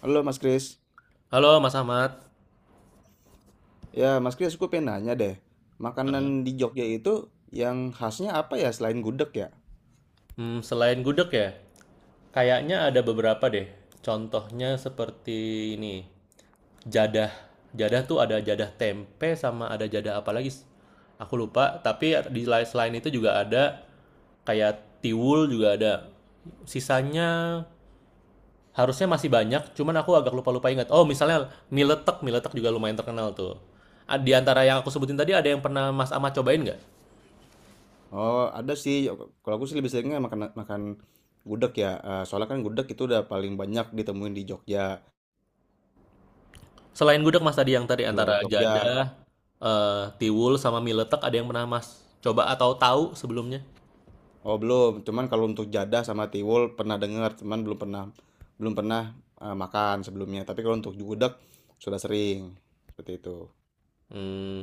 Halo Mas Kris. Halo Mas Ahmad. Ya, Mas Kris, aku pengen nanya deh. Makanan di Jogja itu yang khasnya apa ya selain gudeg ya? Selain gudeg ya, kayaknya ada beberapa deh. Contohnya seperti ini, jadah. Jadah tuh ada jadah tempe sama ada jadah apa lagi? Aku lupa, tapi selain itu juga ada kayak tiwul juga ada. Sisanya harusnya masih banyak, cuman aku agak lupa-lupa ingat. Oh, misalnya mie letek juga lumayan terkenal tuh. Di antara yang aku sebutin tadi ada yang pernah Mas Ahmad cobain nggak? Oh, ada sih. Kalau aku sih lebih seringnya makan makan gudeg ya. Eh, soalnya kan gudeg itu udah paling banyak ditemuin di Jogja, Selain gudeg Mas tadi yang tadi luar antara Jogja. jadah, tiwul, sama mie letek ada yang pernah Mas coba atau tahu sebelumnya? Oh, belum. Cuman kalau untuk jadah sama tiwul pernah dengar, cuman belum pernah makan sebelumnya. Tapi kalau untuk gudeg sudah sering. Seperti itu. Mmm,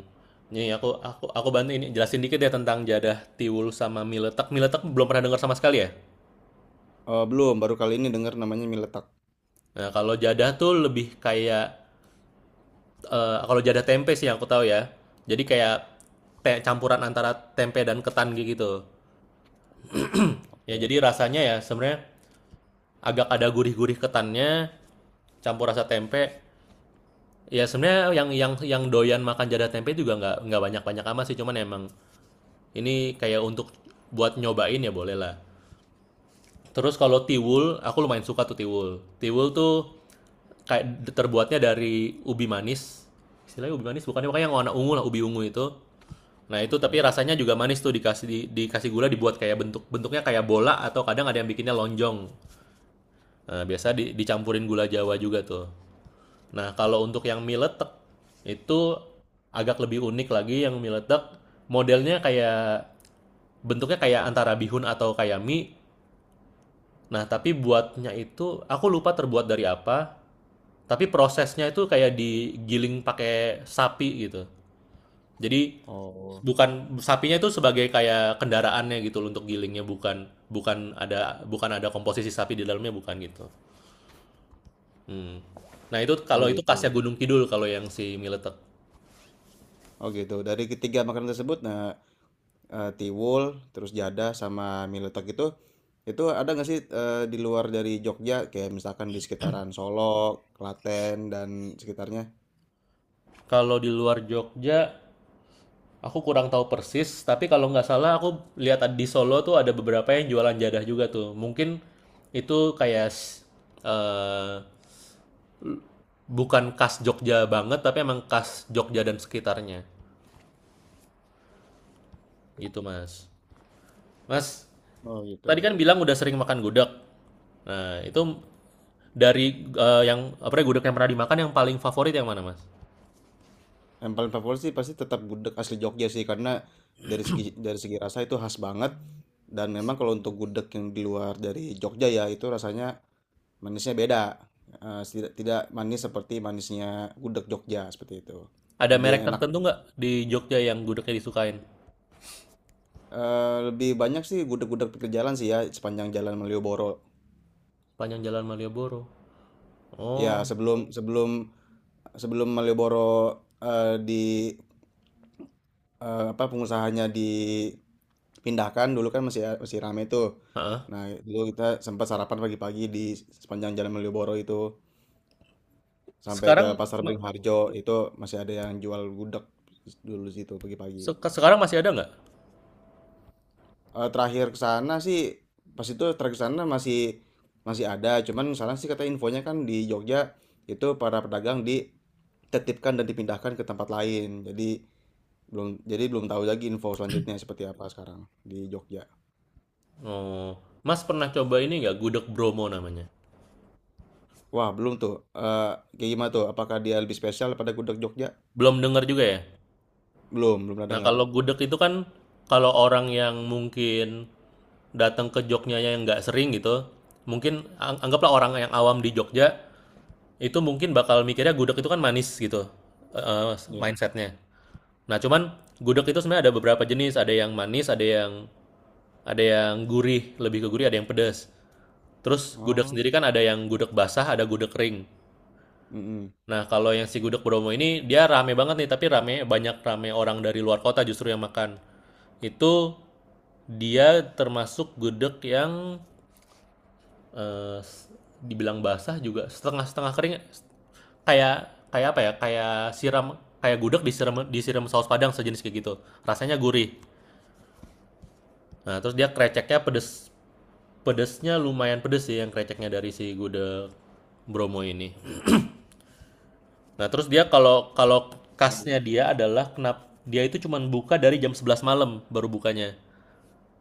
nih aku bantu ini jelasin dikit ya tentang jadah, tiwul, sama mie letek. Mie letek belum pernah dengar sama sekali ya? Oh, belum. Baru kali ini dengar namanya mie letak. Nah kalau jadah tuh lebih kayak, kalau jadah tempe sih yang aku tahu ya. Jadi kayak kayak campuran antara tempe dan ketan gitu. Ya Oke. jadi rasanya ya sebenarnya agak ada gurih-gurih ketannya, campur rasa tempe. Ya sebenarnya yang doyan makan jadah tempe juga nggak banyak banyak amat sih, cuman emang ini kayak untuk buat nyobain ya boleh lah. Terus kalau tiwul aku lumayan suka tuh tiwul. Tiwul tuh kayak terbuatnya dari ubi manis. Istilahnya ubi manis bukannya kayak yang warna ungu lah ubi ungu itu. Nah itu tapi Oke. rasanya juga manis tuh dikasih dikasih gula, dibuat kayak bentuk bentuknya kayak bola atau kadang ada yang bikinnya lonjong. Nah, biasa dicampurin gula Jawa juga tuh. Nah, kalau untuk yang mie letek itu agak lebih unik lagi. Yang mie letek modelnya kayak bentuknya kayak antara bihun atau kayak mie. Nah, tapi buatnya itu aku lupa terbuat dari apa, tapi prosesnya itu kayak digiling pakai sapi gitu. Jadi Oh, bukan sapinya itu sebagai kayak kendaraannya gitu loh untuk gilingnya, bukan bukan ada bukan ada komposisi sapi di dalamnya, bukan gitu. Hmm. Nah, itu oh kalau itu khasnya gitu. Gunung Kidul kalau yang si mie letek. Oh gitu. Dari ketiga makanan tersebut, nah, tiwul, terus jadah sama mie letek itu ada nggak sih, di luar dari Jogja, kayak misalkan di sekitaran Solo, Klaten dan sekitarnya? Kalau di luar Jogja aku kurang tahu persis, tapi kalau nggak salah aku lihat di Solo tuh ada beberapa yang jualan jadah juga tuh. Mungkin itu kayak eh, bukan khas Jogja banget, tapi emang khas Jogja dan sekitarnya. Gitu, Mas. Mas, Oh tadi gitu. kan bilang udah sering makan gudeg. Nah, itu dari yang apa ya, gudeg yang pernah dimakan yang paling favorit yang mana, Mas? Yang paling favorit sih pasti tetap gudeg asli Jogja sih, karena dari segi rasa itu khas banget. Dan memang kalau untuk gudeg yang di luar dari Jogja ya itu rasanya manisnya beda. Tidak tidak manis seperti manisnya gudeg Jogja seperti itu. Ada merek Lebih enak tertentu nggak di Jogja yang gudegnya disukain? Lebih banyak sih gudeg-gudeg pinggir jalan sih ya, sepanjang jalan Malioboro. Panjang Jalan Malioboro. Ya Oh, sebelum sebelum sebelum Malioboro, di apa, pengusahanya dipindahkan, dulu kan masih masih ramai tuh. heeh. Nah, dulu kita sempat sarapan pagi-pagi di sepanjang jalan Malioboro itu, sampai ke Sekarang Pasar ma- Beringharjo, itu masih ada yang jual gudeg dulu situ pagi-pagi. Sekarang masih ada nggak? Terakhir ke sana sih pas itu terakhir ke sana masih masih ada, cuman sana sih kata infonya kan di Jogja itu para pedagang ditertibkan dan dipindahkan ke tempat lain, jadi belum, jadi belum tahu lagi info selanjutnya seperti apa sekarang di Jogja. Oh, Mas pernah coba ini nggak gudeg Bromo namanya? Wah, belum tuh. Eh, Kayak gimana tuh, apakah dia lebih spesial pada gudeg Jogja? Belum dengar juga ya? Belum belum pernah Nah, dengar. kalau gudeg itu kan kalau orang yang mungkin datang ke Jogjanya yang nggak sering gitu, mungkin anggaplah orang yang awam di Jogja itu mungkin bakal mikirnya gudeg itu kan manis gitu, eh, Iya. mindsetnya. Nah, cuman gudeg itu sebenarnya ada beberapa jenis, ada yang manis, ada yang gurih, lebih ke gurih, ada yang pedas. Terus gudeg Oh. sendiri kan ada yang gudeg basah, ada gudeg kering. Mm-mm. Nah, kalau yang si Gudeg Bromo ini dia rame banget nih, tapi rame orang dari luar kota justru yang makan. Itu dia termasuk gudeg yang eh, dibilang basah juga setengah-setengah kering, kayak kayak apa ya? Kayak siram, kayak gudeg disiram disiram saus padang sejenis kayak gitu. Rasanya gurih. Nah, terus dia kreceknya pedes, pedesnya lumayan pedes sih yang kreceknya dari si gudeg Bromo ini. Nah, terus dia kalau kalau Oh kasnya dia adalah kenapa dia itu cuma buka dari jam 11 malam baru bukanya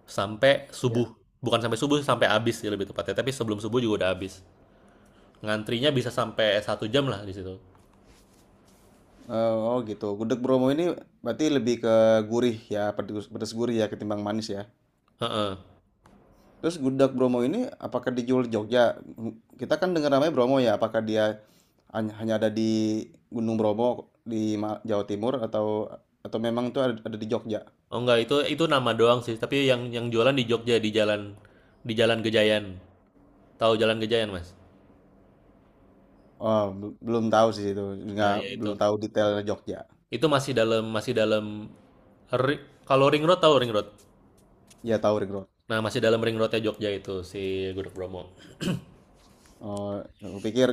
sampai subuh. ya. Bukan sampai subuh, sampai habis ya lebih tepatnya, tapi sebelum subuh juga udah habis. Ngantrinya bisa sampai 1 jam lah di situ. Oh gitu, gudeg Bromo ini berarti lebih ke gurih ya, pedes, pedes gurih ya, ketimbang manis ya. Heeh. Terus gudeg Bromo ini apakah dijual di Jogja? Kita kan dengar namanya Bromo ya, apakah dia hanya ada di Gunung Bromo di Jawa Timur, atau memang itu ada di Jogja? Oh enggak, itu nama doang sih, tapi yang jualan di Jogja di Jalan Gejayan. Tahu Jalan Gejayan, Mas? Oh, belum tahu sih itu, Nah, nggak, ya itu. belum tahu detailnya Jogja. Itu masih dalam ri- kalau ring road, tahu ring road. Ya tahu Ring Road. Nah, masih dalam ring Road roadnya Jogja itu si Gudeg Bromo. Oh, aku pikir,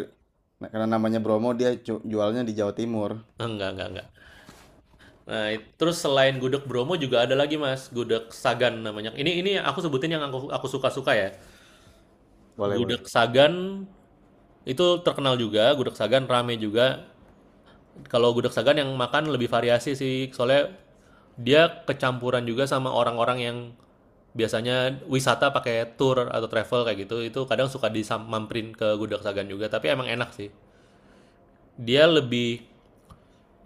nah, karena namanya Bromo dia jualnya di Jawa Timur. Enggak, enggak. Nah, terus selain gudeg Bromo juga ada lagi Mas, gudeg Sagan namanya. Ini aku sebutin yang aku suka-suka ya. Boleh boleh. Gudeg Sagan itu terkenal juga, gudeg Sagan rame juga. Kalau gudeg Sagan yang makan lebih variasi sih, soalnya dia kecampuran juga sama orang-orang yang biasanya wisata pakai tour atau travel kayak gitu. Itu kadang suka disamperin ke gudeg Sagan juga, tapi emang enak sih. Dia lebih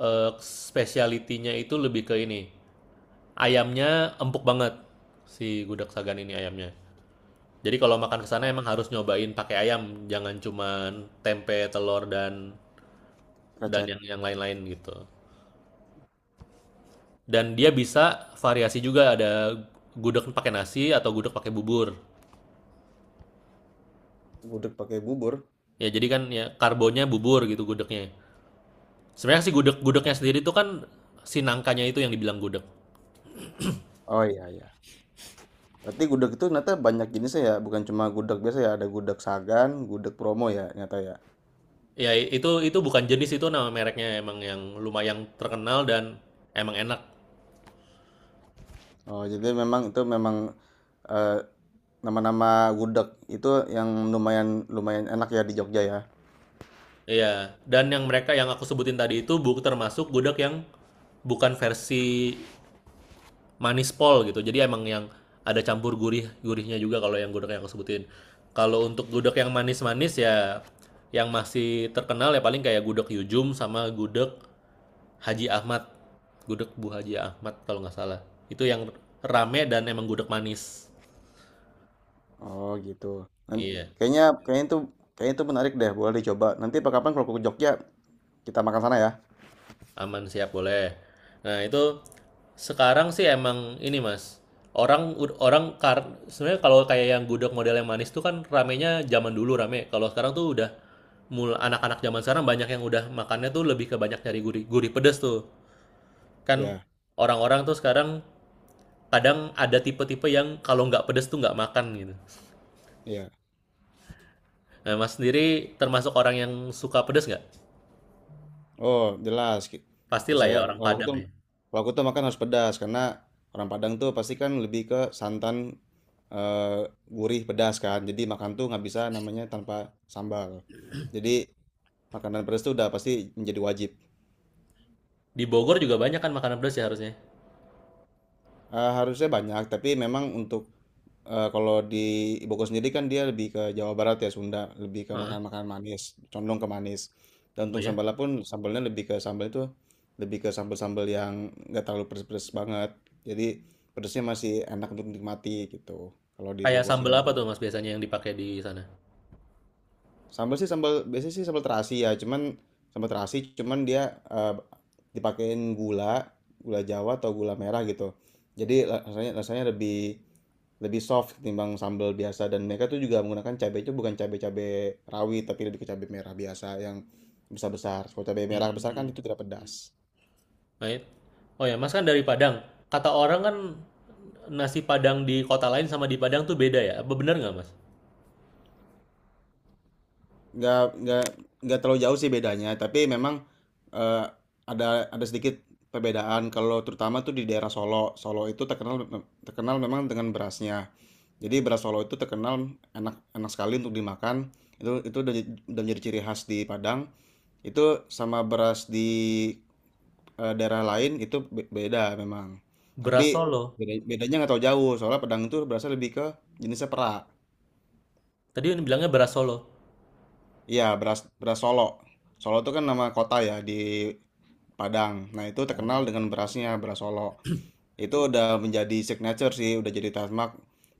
speciality-nya itu lebih ke ini. Ayamnya empuk banget si gudeg sagan ini ayamnya. Jadi kalau makan ke sana Oh. emang harus nyobain pakai ayam, jangan cuman tempe, telur dan Krecek. yang lain-lain gitu. Dan dia bisa variasi juga ada gudeg pakai nasi atau gudeg pakai bubur. Gudeg pakai bubur. Ya jadi kan ya karbonnya bubur gitu gudegnya. Sebenarnya si gudegnya Oh. sendiri itu kan si nangkanya itu yang dibilang gudeg. Oh, iya iya. Berarti gudeg itu ternyata banyak jenisnya ya, bukan cuma gudeg biasa ya, ada gudeg Sagan, gudeg Promo ya, ternyata ya. Ya itu bukan jenis, itu nama mereknya emang yang lumayan terkenal dan emang enak. Oh, jadi memang itu memang, eh, nama-nama gudeg itu yang lumayan lumayan enak ya di Jogja ya. Iya, dan yang mereka yang aku sebutin tadi itu bu termasuk gudeg yang bukan versi manis pol gitu. Jadi emang yang ada campur gurih-gurihnya juga kalau yang gudeg yang aku sebutin. Kalau untuk gudeg yang manis-manis ya yang masih terkenal ya paling kayak gudeg Yujum sama gudeg Haji Ahmad. Gudeg Bu Haji Ahmad kalau nggak salah. Itu yang rame dan emang gudeg manis. Oh, gitu. Nan- Iya, kayaknya kayaknya itu menarik deh, boleh dicoba. Nanti apa kapan kalau ke Jogja kita makan sana ya. aman siap boleh. Nah, itu sekarang sih emang ini mas orang orang kar sebenarnya kalau kayak yang gudeg model yang manis tuh kan ramenya zaman dulu rame kalau sekarang tuh udah anak-anak zaman sekarang banyak yang udah makannya tuh lebih ke banyak nyari gurih gurih pedes tuh kan. Iya, Orang-orang tuh sekarang kadang ada tipe-tipe yang kalau nggak pedes tuh nggak makan gitu. iya. Nah mas sendiri termasuk orang yang suka pedes nggak? Oh, jelas. Kalau Pastilah saya ya orang kalau aku Padang tuh ya, kalau aku tuh makan harus pedas, karena orang Padang tuh pasti kan lebih ke santan, eee, gurih, pedas kan. Jadi makan tuh nggak bisa namanya tanpa sambal. Jadi makanan pedas tuh udah pasti menjadi wajib. di Bogor juga banyak kan makanan pedes ya harusnya. Harusnya banyak, tapi memang untuk, kalau di ibuku sendiri kan dia lebih ke Jawa Barat ya, Sunda, lebih ke Heeh. makanan-makanan manis, condong ke manis. Dan Oh untuk ya, sambalnya pun, sambalnya lebih ke sambal itu, lebih ke sambal-sambal yang nggak terlalu pedes-pedes banget. Jadi pedesnya masih enak untuk dinikmati gitu, kalau di kayak Bogor sambal sini. apa tuh mas biasanya yang dipakai di sana? Sambal sih, sambal biasanya sih sambal terasi ya, cuman sambal terasi cuman dia, eh, dipakein gula, gula Jawa atau gula merah gitu. Jadi rasanya rasanya lebih lebih soft ketimbang sambal biasa, dan mereka tuh juga menggunakan cabai itu bukan cabai-cabai rawit, tapi lebih ke cabai merah biasa yang besar-besar. Kalau cabai merah besar kan Hmm. itu tidak pedas. Right? Oh ya, Mas kan dari Padang. Kata orang kan nasi Padang di kota lain sama di Padang tuh beda ya. Apa benar nggak, Mas? nggak nggak nggak terlalu jauh sih bedanya, tapi memang, eh, ada ada, sedikit perbedaan kalau terutama tuh di daerah Solo. Solo itu terkenal terkenal memang dengan berasnya. Jadi beras Solo itu terkenal enak enak sekali untuk dimakan. Itu, udah menjadi ciri khas di Padang itu. Sama beras di, daerah lain itu beda memang, tapi Beras Solo. Bedanya nggak tahu jauh. Soalnya Padang itu berasnya lebih ke jenisnya perak. Tadi bilangnya beras Solo. Iya, beras beras Solo. Solo itu kan nama kota ya di Padang. Nah, itu terkenal Oh. dengan berasnya, beras Solo. Itu udah menjadi signature sih, udah jadi trademark.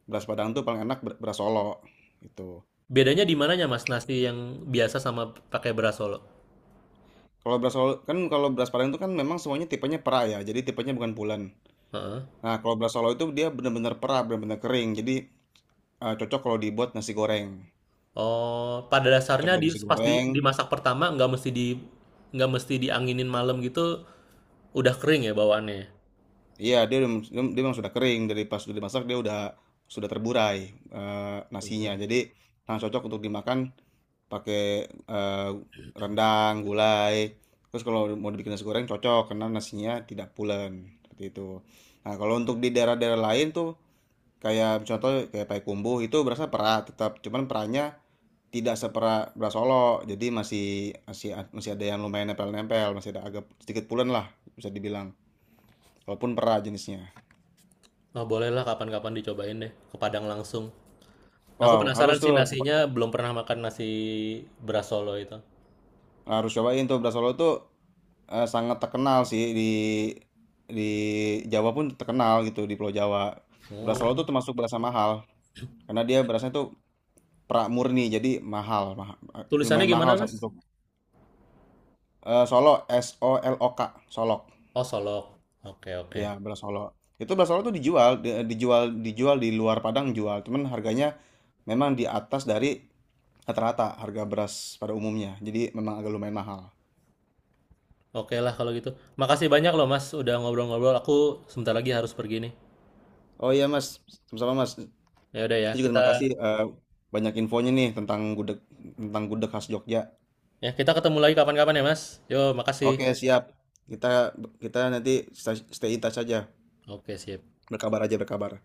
Beras Padang tuh paling enak, beras Solo. Itu. Bedanya di mananya, Mas? Nasi yang biasa sama pakai beras Solo. Kalau beras Padang itu kan memang semuanya tipenya pera ya. Jadi tipenya bukan bulan. Heeh. Nah, kalau beras Solo itu dia benar-benar pera, benar-benar kering. Jadi, cocok kalau dibuat nasi goreng. Oh, pada Cocok dasarnya buat di nasi pas di goreng. dimasak pertama nggak mesti di nggak mesti dianginin malam gitu, udah kering ya bawaannya, ya? Iya, dia udah- dia dia memang sudah kering. Dari pas sudah dimasak dia sudah terburai, nasinya. Mhm. Jadi sangat cocok untuk dimakan pakai, eh, rendang, gulai. Terus kalau mau dibikin nasi goreng cocok, karena nasinya tidak pulen seperti itu. Nah, kalau untuk di daerah-daerah lain tuh kayak contoh kayak Payakumbuh, itu berasa perak tetap, cuman perannya tidak seperak beras Solo. Jadi masih, masih masih ada yang lumayan nempel-nempel, masih ada agak sedikit pulen lah bisa dibilang. Walaupun perak jenisnya. Nah, bolehlah kapan-kapan dicobain deh ke Padang langsung. Aku Wow, harus penasaran sih tuh. nasinya, belum pernah makan nasi beras Solo itu. Harus cobain tuh beras Solo tuh, sangat terkenal sih di Jawa pun terkenal gitu, di Pulau Jawa. Beras Oh, Solo tuh termasuk beras yang mahal, karena dia berasnya tuh pramurni. Jadi mahal tulisannya lumayan gimana, mahal Mas? untuk, Solo S O L O K, Solok. Oh, Solok. Oke, oke. Ya, beras Solo. Itu beras Solo tuh dijual di luar Padang jual, cuman harganya memang di atas dari rata-rata harga beras pada umumnya. Jadi memang agak lumayan mahal. Oke lah kalau gitu. Makasih banyak loh, Mas, udah ngobrol-ngobrol. Aku sebentar lagi harus pergi nih. Oh iya Mas, sama-sama Mas. Ya udah Saya juga terima kasih, banyak infonya nih tentang gudeg khas Jogja. ya kita ketemu lagi kapan-kapan ya, Mas. Yo, makasih. Oke siap, kita kita nanti stay stay in touch aja, Oke, sip. berkabar aja berkabar.